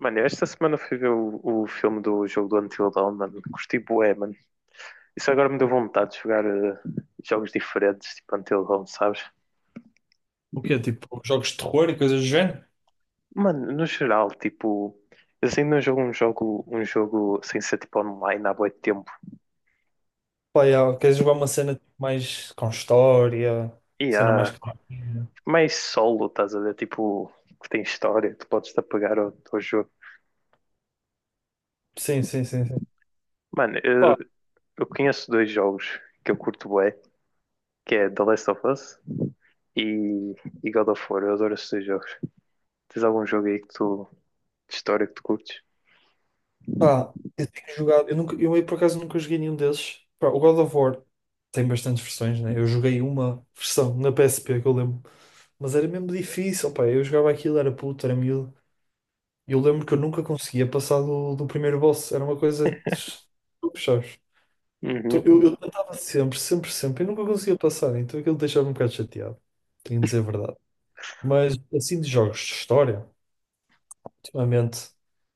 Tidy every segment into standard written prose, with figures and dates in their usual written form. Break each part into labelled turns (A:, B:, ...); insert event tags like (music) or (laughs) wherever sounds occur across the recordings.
A: Mano, eu esta semana fui ver o filme do jogo do Until Dawn, mano. Curti bué, mano. Isso agora me deu vontade de jogar jogos diferentes, tipo Until Dawn, sabes?
B: O quê? Tipo, jogos de terror e coisas do género?
A: Mano, no geral, tipo, eu assim não jogo um jogo sem ser tipo online há bué de tempo.
B: Pá, yeah, queres jogar uma cena tipo, mais com história,
A: E
B: cena mais.
A: há
B: Ah,
A: mais solo, estás a ver? Tipo, que tem história, tu podes te apegar ao jogo.
B: sim, sim, sim, sim.
A: Mano, eu,
B: Pá,
A: eu conheço dois jogos que eu curto bué, que é The Last of Us e, e God of War. Eu adoro esses dois jogos. Tens algum jogo aí que tu, de história que tu curtes?
B: pá, eu tenho jogado, eu nunca, eu por acaso nunca joguei nenhum desses. Pá, o God of War tem bastantes versões, né? Eu joguei uma (laughs) versão na PSP que eu lembro, mas era mesmo difícil, pá. Eu jogava aquilo, era puto, era miúdo. E eu lembro que eu nunca conseguia passar do primeiro boss, era uma coisa. Sabes? Então, Eu
A: Uhum.
B: eu tentava sempre, sempre, sempre, e nunca conseguia passar, então aquilo deixava-me um bocado chateado, tenho de dizer a verdade. Mas assim de jogos de história, ultimamente,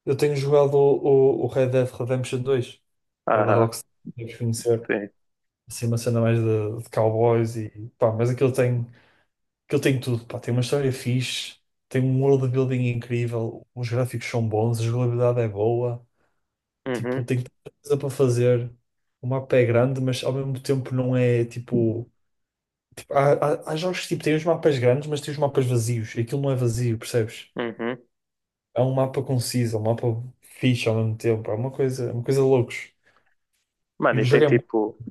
B: eu tenho jogado o Red Dead Redemption dois, que é da
A: Aham,
B: Rockstar, deves conhecer,
A: sim.
B: assim uma cena mais de cowboys e pá, mas aquilo tem tudo, pá, tem uma história fixe, tem um world building incrível, os gráficos são bons, a jogabilidade é boa,
A: Uhum,
B: tipo, tem tanta coisa para fazer, o mapa é grande, mas ao mesmo tempo não é tipo. Há, há jogos que tipo, têm os mapas grandes, mas têm os mapas vazios. Aquilo não é vazio, percebes?
A: uhum.
B: É um mapa conciso, é um mapa fixe ao mesmo tempo. É uma coisa loucos. E
A: Mano,
B: o
A: e tem
B: jogo é muito.
A: tipo,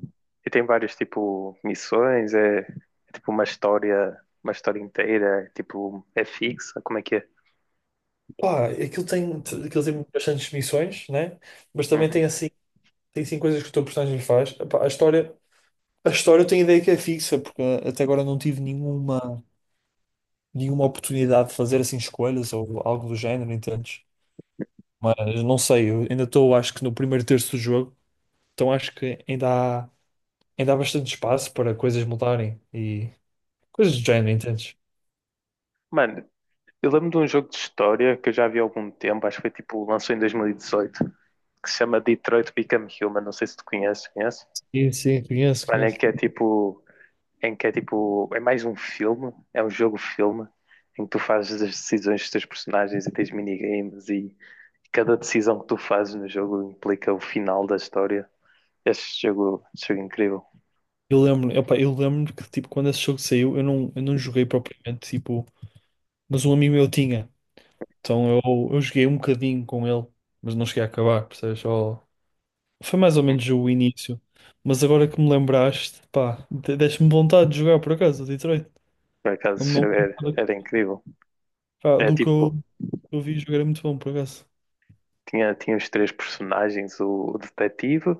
A: e tem várias tipo missões, é tipo uma história inteira, é, tipo, é fixa, como é que é?
B: Pá, aquilo tem bastantes missões, né? Mas também
A: Uhum.
B: tem assim coisas que o teu personagem faz. Epá, a história eu tenho ideia que é fixa, porque até agora não tive nenhuma oportunidade de fazer assim escolhas ou algo do género, entendes? Mas não sei, eu ainda estou, acho que no primeiro terço do jogo, então acho que ainda há. Ainda há bastante espaço para coisas mudarem e coisas do género, entendes?
A: Mano, eu lembro de um jogo de história que eu já vi há algum tempo, acho que foi tipo, lançou em 2018, que se chama Detroit Become Human, não sei se tu conheces, conheces?
B: Sim, sim, conheço,
A: Para mim, é
B: conheço.
A: que é tipo. Em que é tipo. É mais um filme, é um jogo-filme, em que tu fazes as decisões dos teus personagens e tens minigames e cada decisão que tu fazes no jogo implica o final da história. Este jogo é incrível.
B: Eu lembro, opa, eu lembro que tipo, quando esse jogo saiu, eu não joguei propriamente, tipo, mas um amigo meu tinha. Então eu joguei um bocadinho com ele, mas não cheguei a acabar, percebes? Só... Foi mais ou menos o início. Mas agora que me lembraste, pá, deste-me vontade de jogar por acaso, o Detroit.
A: Por
B: Não,
A: acaso
B: não,
A: era incrível.
B: pá,
A: É
B: do que
A: tipo,
B: eu vi jogar é muito bom por acaso.
A: tinha os três personagens, o detetive,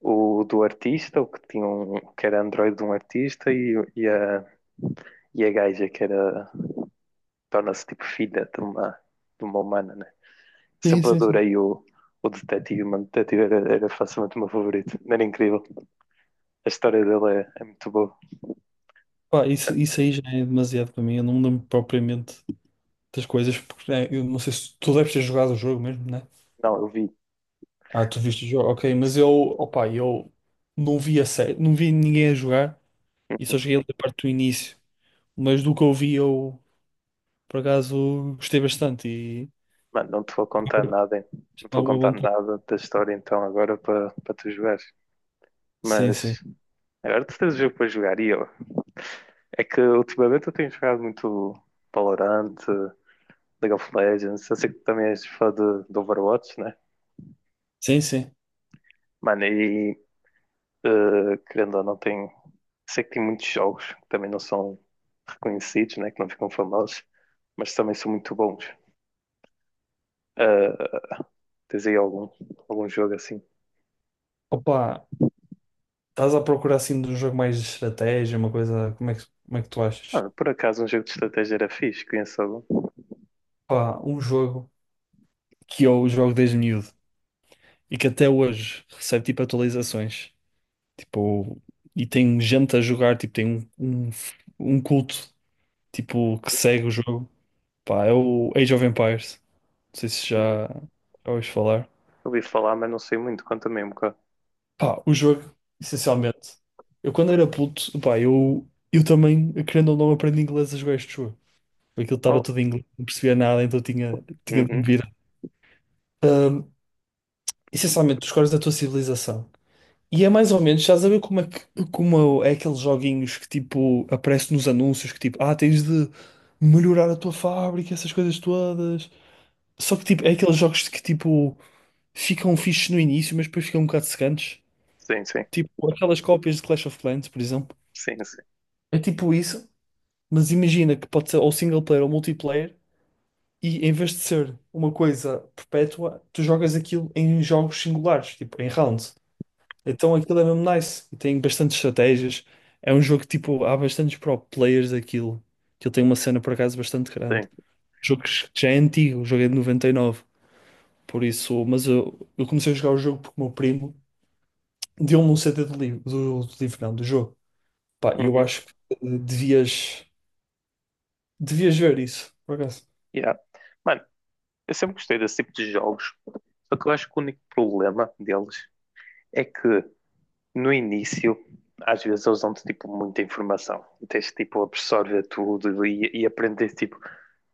A: o do artista, o que tinha um, que era androide de um artista e a gaja que era torna-se tipo filha de uma humana, né?
B: Sim,
A: Sempre
B: sim, sim.
A: adorei o detetive, mano. O detetive era facilmente o meu favorito. Era incrível. A história dele é muito boa.
B: Pá, isso aí já é demasiado para mim, eu não me lembro propriamente das coisas, porque né, eu não sei se tu deves ter jogado o jogo mesmo, né?
A: Não, eu vi.
B: Ah, tu viste o jogo, ok, mas eu, opa, eu não vi a série, não vi ninguém a jogar e só cheguei ali a parte do início, mas do que eu vi eu, por acaso, gostei bastante e
A: Mano, não te vou contar nada, hein? Não te
B: tive
A: vou
B: alguma
A: contar
B: vontade.
A: nada da história então agora para tu jogares.
B: Sim, sim,
A: Mas agora tu tens o jogo para jogar e eu. É que ultimamente eu tenho jogado muito Valorant, League of Legends. Eu sei que tu também és fã de Overwatch, né?
B: sim, sim.
A: Mano, e querendo ou não, tem. Sei que tem muitos jogos que também não são reconhecidos, né? Que não ficam famosos, mas também são muito bons. Uh, Tens aí algum jogo assim?
B: Opa, estás a procurar assim de um jogo mais de estratégia, uma coisa, como é que tu achas?
A: Mano, por acaso um jogo de estratégia era fixe, conheço algum.
B: Opa, um jogo que eu jogo desde miúdo e que até hoje recebe tipo atualizações. Tipo, e tem gente a jogar, tipo, tem um, um, um culto, tipo, que segue o jogo. Pá, é o Age of Empires. Não sei se
A: Hum,
B: já ouviste falar.
A: Ouvi falar, mas não sei muito, conta-me um bocado.
B: Pá, o jogo, essencialmente. Eu quando era puto, pá, eu também, querendo ou não, aprendi inglês a jogar este jogo. Aquilo estava
A: Oh,
B: tudo em inglês, não percebia nada, então tinha de me
A: uhum.
B: virar. Ahm, Essencialmente, tu escolhes a tua civilização. E é mais ou menos, já saber como é que como é aqueles joguinhos que tipo aparecem nos anúncios que tipo, ah, tens de melhorar a tua fábrica, essas coisas todas. Só que tipo, é aqueles jogos que tipo ficam fixes no início, mas depois ficam um bocado secantes.
A: Sim, sim,
B: Tipo aquelas cópias de Clash of Clans, por exemplo.
A: sim, sim,
B: É tipo isso, mas imagina que pode ser ou single player ou multiplayer, e em vez de ser uma coisa perpétua, tu jogas aquilo em jogos singulares, tipo em rounds. Então aquilo é mesmo nice e tem bastantes estratégias. É um jogo que tipo, há bastantes pro players daquilo. Que ele tem uma cena por acaso bastante grande.
A: sim.
B: O jogo que já é antigo, o jogo é de 99. Por isso, mas eu comecei a jogar o jogo porque o meu primo deu-me um CD do livro, do livro não, do jogo. Pá, e eu
A: Uhum.
B: acho que devias ver isso, por acaso.
A: Yeah. Mano, eu sempre gostei desse tipo de jogos, só que eu acho que o único problema deles é que no início, às vezes eles dão-te tipo muita informação, e tens tipo absorver tudo e aprender tipo.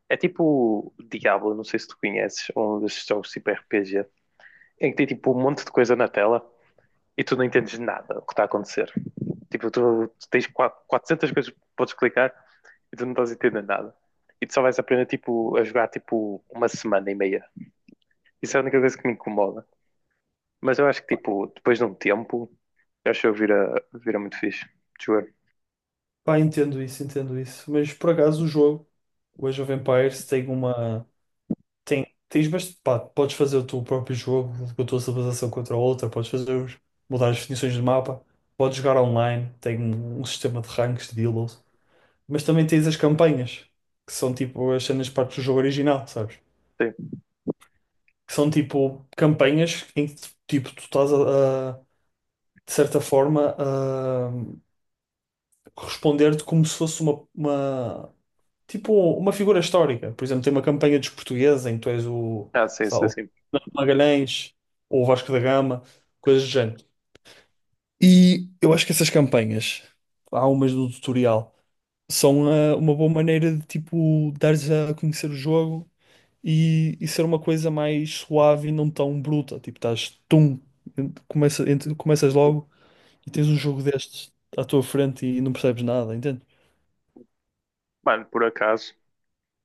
A: É tipo o Diablo, não sei se tu conheces, um desses jogos tipo RPG, em que tem tipo um monte de coisa na tela e tu não entendes nada do que está a acontecer. Tipo, tu tens 400 coisas que podes clicar e tu não estás a entender nada. E tu só vais aprender tipo, a jogar tipo uma semana e meia. Isso é a única coisa que me incomoda. Mas eu acho que tipo, depois de um tempo, eu acho que eu vira muito fixe. De jogar.
B: Pá, entendo isso, entendo isso. Mas por acaso o jogo, o Age of Empires, tem uma. Tem, tens, mas pá, podes fazer o teu próprio jogo com a tua civilização contra a outra, podes fazer mudar as definições de mapa, podes jogar online, tem um sistema de ranks, de delos, mas também tens as campanhas, que são tipo as cenas partes do jogo original, sabes?
A: Sim.
B: Que são tipo campanhas em que tipo tu estás de certa forma a responder-te como se fosse uma tipo uma figura histórica. Por exemplo, tem uma campanha dos portugueses em que tu és o
A: Ah, sim,
B: sei lá,
A: sim,
B: o
A: sim.
B: Magalhães ou Vasco da Gama, coisas do género. E eu acho que essas campanhas, há umas do tutorial, são uma boa maneira de tipo dares a conhecer o jogo e ser uma coisa mais suave e não tão bruta. Tipo, estás tum, começa, começas logo e tens um jogo destes à tua frente e não percebes nada, entende?
A: Mano, por acaso,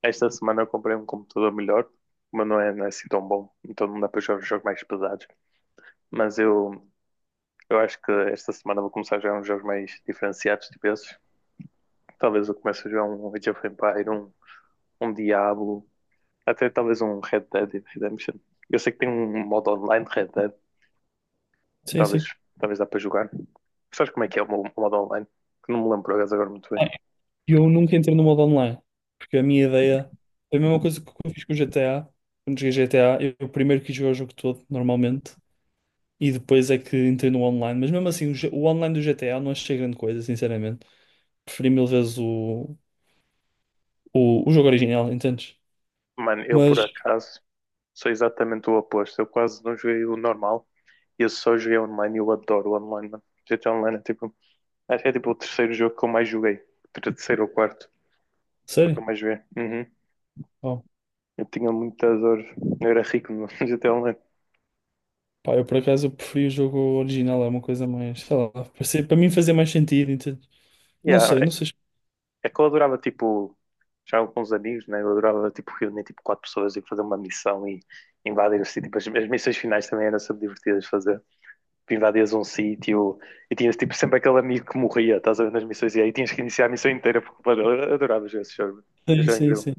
A: esta semana eu comprei um computador melhor, mas não é assim tão bom. Então não dá para jogar jogos mais pesados. Mas eu acho que esta semana vou começar a jogar uns jogos mais diferenciados, tipo esses. Talvez eu comece a jogar um Age of Empire, um Diablo, até talvez um Red Dead Redemption. Eu sei que tem um modo online de Red Dead,
B: Sim,
A: talvez,
B: sim.
A: talvez dá para jogar. Sabes como é que é o o modo online? Que não me lembro agora muito bem.
B: E eu nunca entrei no modo online, porque a minha ideia é a mesma coisa que eu fiz com o GTA. Quando joguei GTA, eu primeiro quis jogar o jogo todo, normalmente. E depois é que entrei no online. Mas mesmo assim, o online do GTA não achei grande coisa, sinceramente. Preferi mil vezes o, o jogo original, entendes?
A: Mano, eu
B: Mas,
A: por acaso sou exatamente o oposto. Eu quase não joguei o normal. Eu só joguei online e eu adoro o online, mano. GTA Online é tipo, acho que é tipo o terceiro jogo que eu mais joguei. Terceiro ou quarto jogo que
B: sério,
A: eu mais joguei. Uhum.
B: oh,
A: Eu tinha muitas horas. Eu era rico no (laughs) GTA Online.
B: pá, eu por acaso eu preferi o jogo original, é uma coisa mais, sei lá, para mim fazia mais sentido, entendes? Não
A: Yeah,
B: sei, não sei.
A: é que eu adorava, tipo, já com os amigos, né? Eu adorava, tipo, reunir, tipo, quatro pessoas e fazer uma missão e invadir o sítio. Tipo, as missões finais também eram sempre divertidas de fazer. Tu invadias um sítio e tinhas, tipo, sempre aquele amigo que morria, estás a ver, nas missões. E aí tinhas que iniciar a missão inteira, porque, mano, eu adorava jogar esse jogo.
B: Sim,
A: Já é
B: sim,
A: incrível.
B: sim.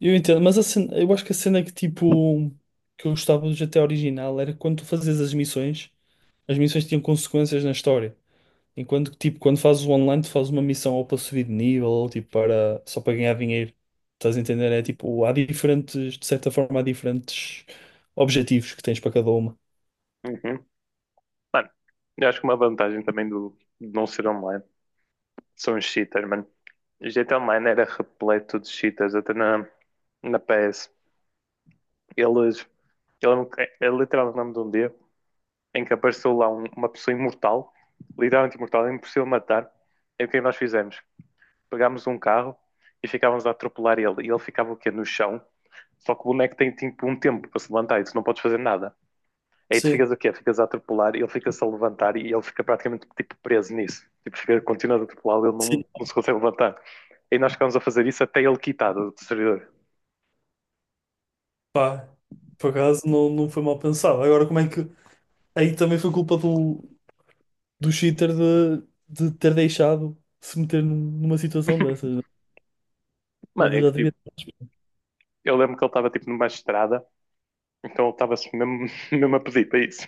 B: Eu entendo, mas eu acho que a cena é que tipo que eu gostava do GTA original era quando tu fazias as missões tinham consequências na história. Enquanto que, tipo, quando fazes o online, tu fazes uma missão ou para subir de nível, ou tipo, para, só para ganhar dinheiro. Estás a entender? É tipo, há diferentes, de certa forma, há diferentes objetivos que tens para cada uma.
A: Uhum. Mano, eu acho que uma vantagem também do de não ser online são os cheaters, mano. O GTA Online era repleto de cheaters, até na PS. Eles... É literalmente o nome de um dia em que apareceu lá uma pessoa imortal, literalmente imortal, é impossível matar. É o que é nós fizemos? Pegámos um carro e ficávamos a atropelar ele. E ele ficava o quê? No chão. Só que o boneco tem tipo um tempo para se levantar e tu não podes fazer nada. Aí tu
B: Sim,
A: ficas o quê? Ficas a atropelar e ele fica-se a levantar e ele fica praticamente tipo preso nisso. Tipo, fica continuando a atropelar e ele
B: sim,
A: não se consegue levantar. Aí nós ficámos a fazer isso até ele quitado do servidor.
B: pá, por acaso não foi mal pensado. Agora, como é que. Aí também foi culpa do cheater de ter deixado se meter numa situação dessas. Né?
A: Mano,
B: Ele
A: é
B: já
A: que tipo,
B: devia
A: eu lembro que ele estava tipo numa estrada, então ele estava assim mesmo, (laughs) mesmo a pedir para isso.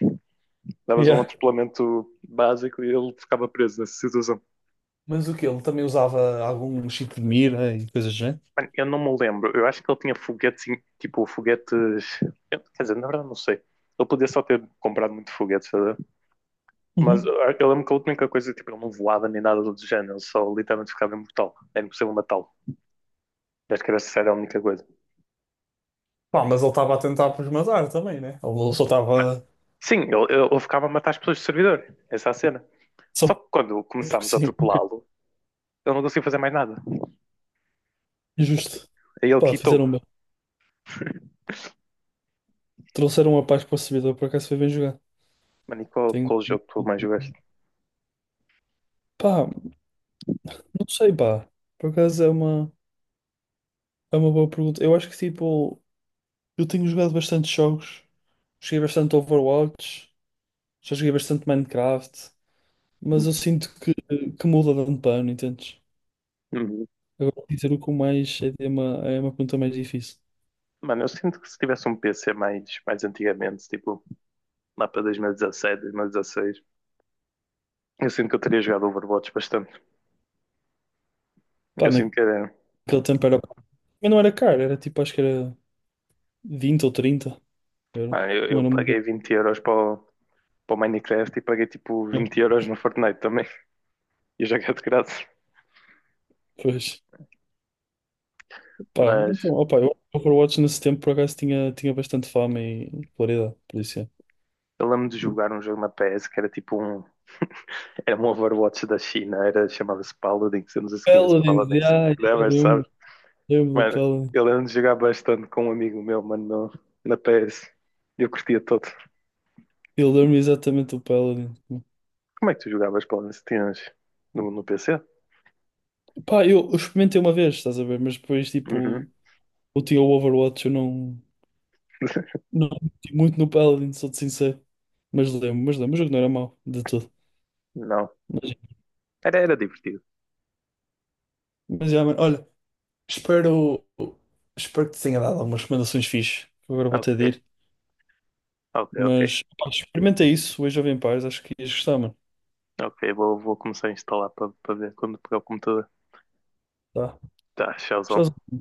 B: (laughs)
A: Davas um
B: yeah.
A: atropelamento básico e ele ficava preso nessa situação.
B: Mas o que ele também usava algum cheat de mira e coisas do género?
A: Mano, eu não me lembro, eu acho que ele tinha foguetes, tipo, foguetes. Quer dizer, na verdade, não sei. Ele podia só ter comprado muito foguete, sabe? Mas eu
B: Uhum.
A: lembro que a única coisa, tipo, ele não voava nem nada do género, ele só literalmente ficava imortal. Era impossível matá-lo. Acho que era essa a única coisa.
B: Pá, mas ele estava a tentar para os matar também, né? Ele só
A: Mas,
B: estava.
A: sim, ele, ficava a matar as pessoas do servidor. Essa é a cena. Só
B: Só
A: que quando
B: porque
A: começámos a
B: sim, ok.
A: atropelá-lo, ele não conseguia fazer mais nada.
B: Injusto.
A: Aí ele
B: Pá,
A: quitou.
B: fizeram bem. Trouxeram uma paz para o servidor, por acaso foi bem jogado.
A: Mano, e qual,
B: Tenho,
A: qual
B: tenho-
A: jogo tu
B: tenho-
A: mais jogaste?
B: Pá, não sei, pá. Por acaso é uma boa pergunta. Eu acho que tipo, eu tenho jogado bastante jogos. Joguei bastante Overwatch, já joguei bastante Minecraft, mas eu sinto que, muda de ano para ano, entendes?
A: Uhum.
B: Agora dizer o que mais é uma pergunta mais difícil.
A: Mano, eu sinto que se tivesse um PC mais antigamente, tipo lá para 2017, 2016, eu sinto que eu teria jogado Overwatch bastante.
B: Pá,
A: Eu sinto que
B: naquele
A: era.
B: tempo era. Mas não era caro, era tipo, acho que era 20 ou 30 euros.
A: Mano, eu,
B: Não
A: eu
B: era uma
A: paguei
B: coisa.
A: 20 euros para o Minecraft e paguei tipo 20 euros no Fortnite também. (laughs) E joguei de graça.
B: Pois, pá, então,
A: Mas
B: opa, eu Overwatch nesse tempo por acaso tinha bastante fama e popularidade, por isso é.
A: eu lembro de jogar um jogo na PS que era tipo um. Era um Overwatch da China, era, chamava-se Paladins, eu não sei se conhece
B: Paladins,
A: Paladins.
B: já,
A: Não,
B: eu
A: mas sabes,
B: lembro, lembro do
A: mano,
B: Paladin.
A: eu lembro de jogar bastante com um amigo meu, mano, na PS. Eu curtia todo.
B: Eu lembro exatamente do Paladin.
A: Como é que tu jogavas Paladins? Tinhas no PC?
B: Pá, eu experimentei uma vez, estás a ver, mas depois,
A: Uhum.
B: tipo, eu tinha o Overwatch, eu não meti muito no Paladin, sou-te sincero. Mas lembro, o jogo não era mau, de tudo.
A: Não.
B: Mas,
A: Era divertido.
B: mas já, mano, olha. Espero, espero que te tenha dado algumas recomendações fixe. Eu agora vou
A: Ok,
B: ter de ir.
A: ok, ok.
B: Mas pá, experimenta isso hoje Jovem pais acho que ias gostar, mano.
A: Ok, vou começar a instalar para ver quando pegar o computador.
B: Tá.
A: Tá, tchauzão.
B: Tchauzinho.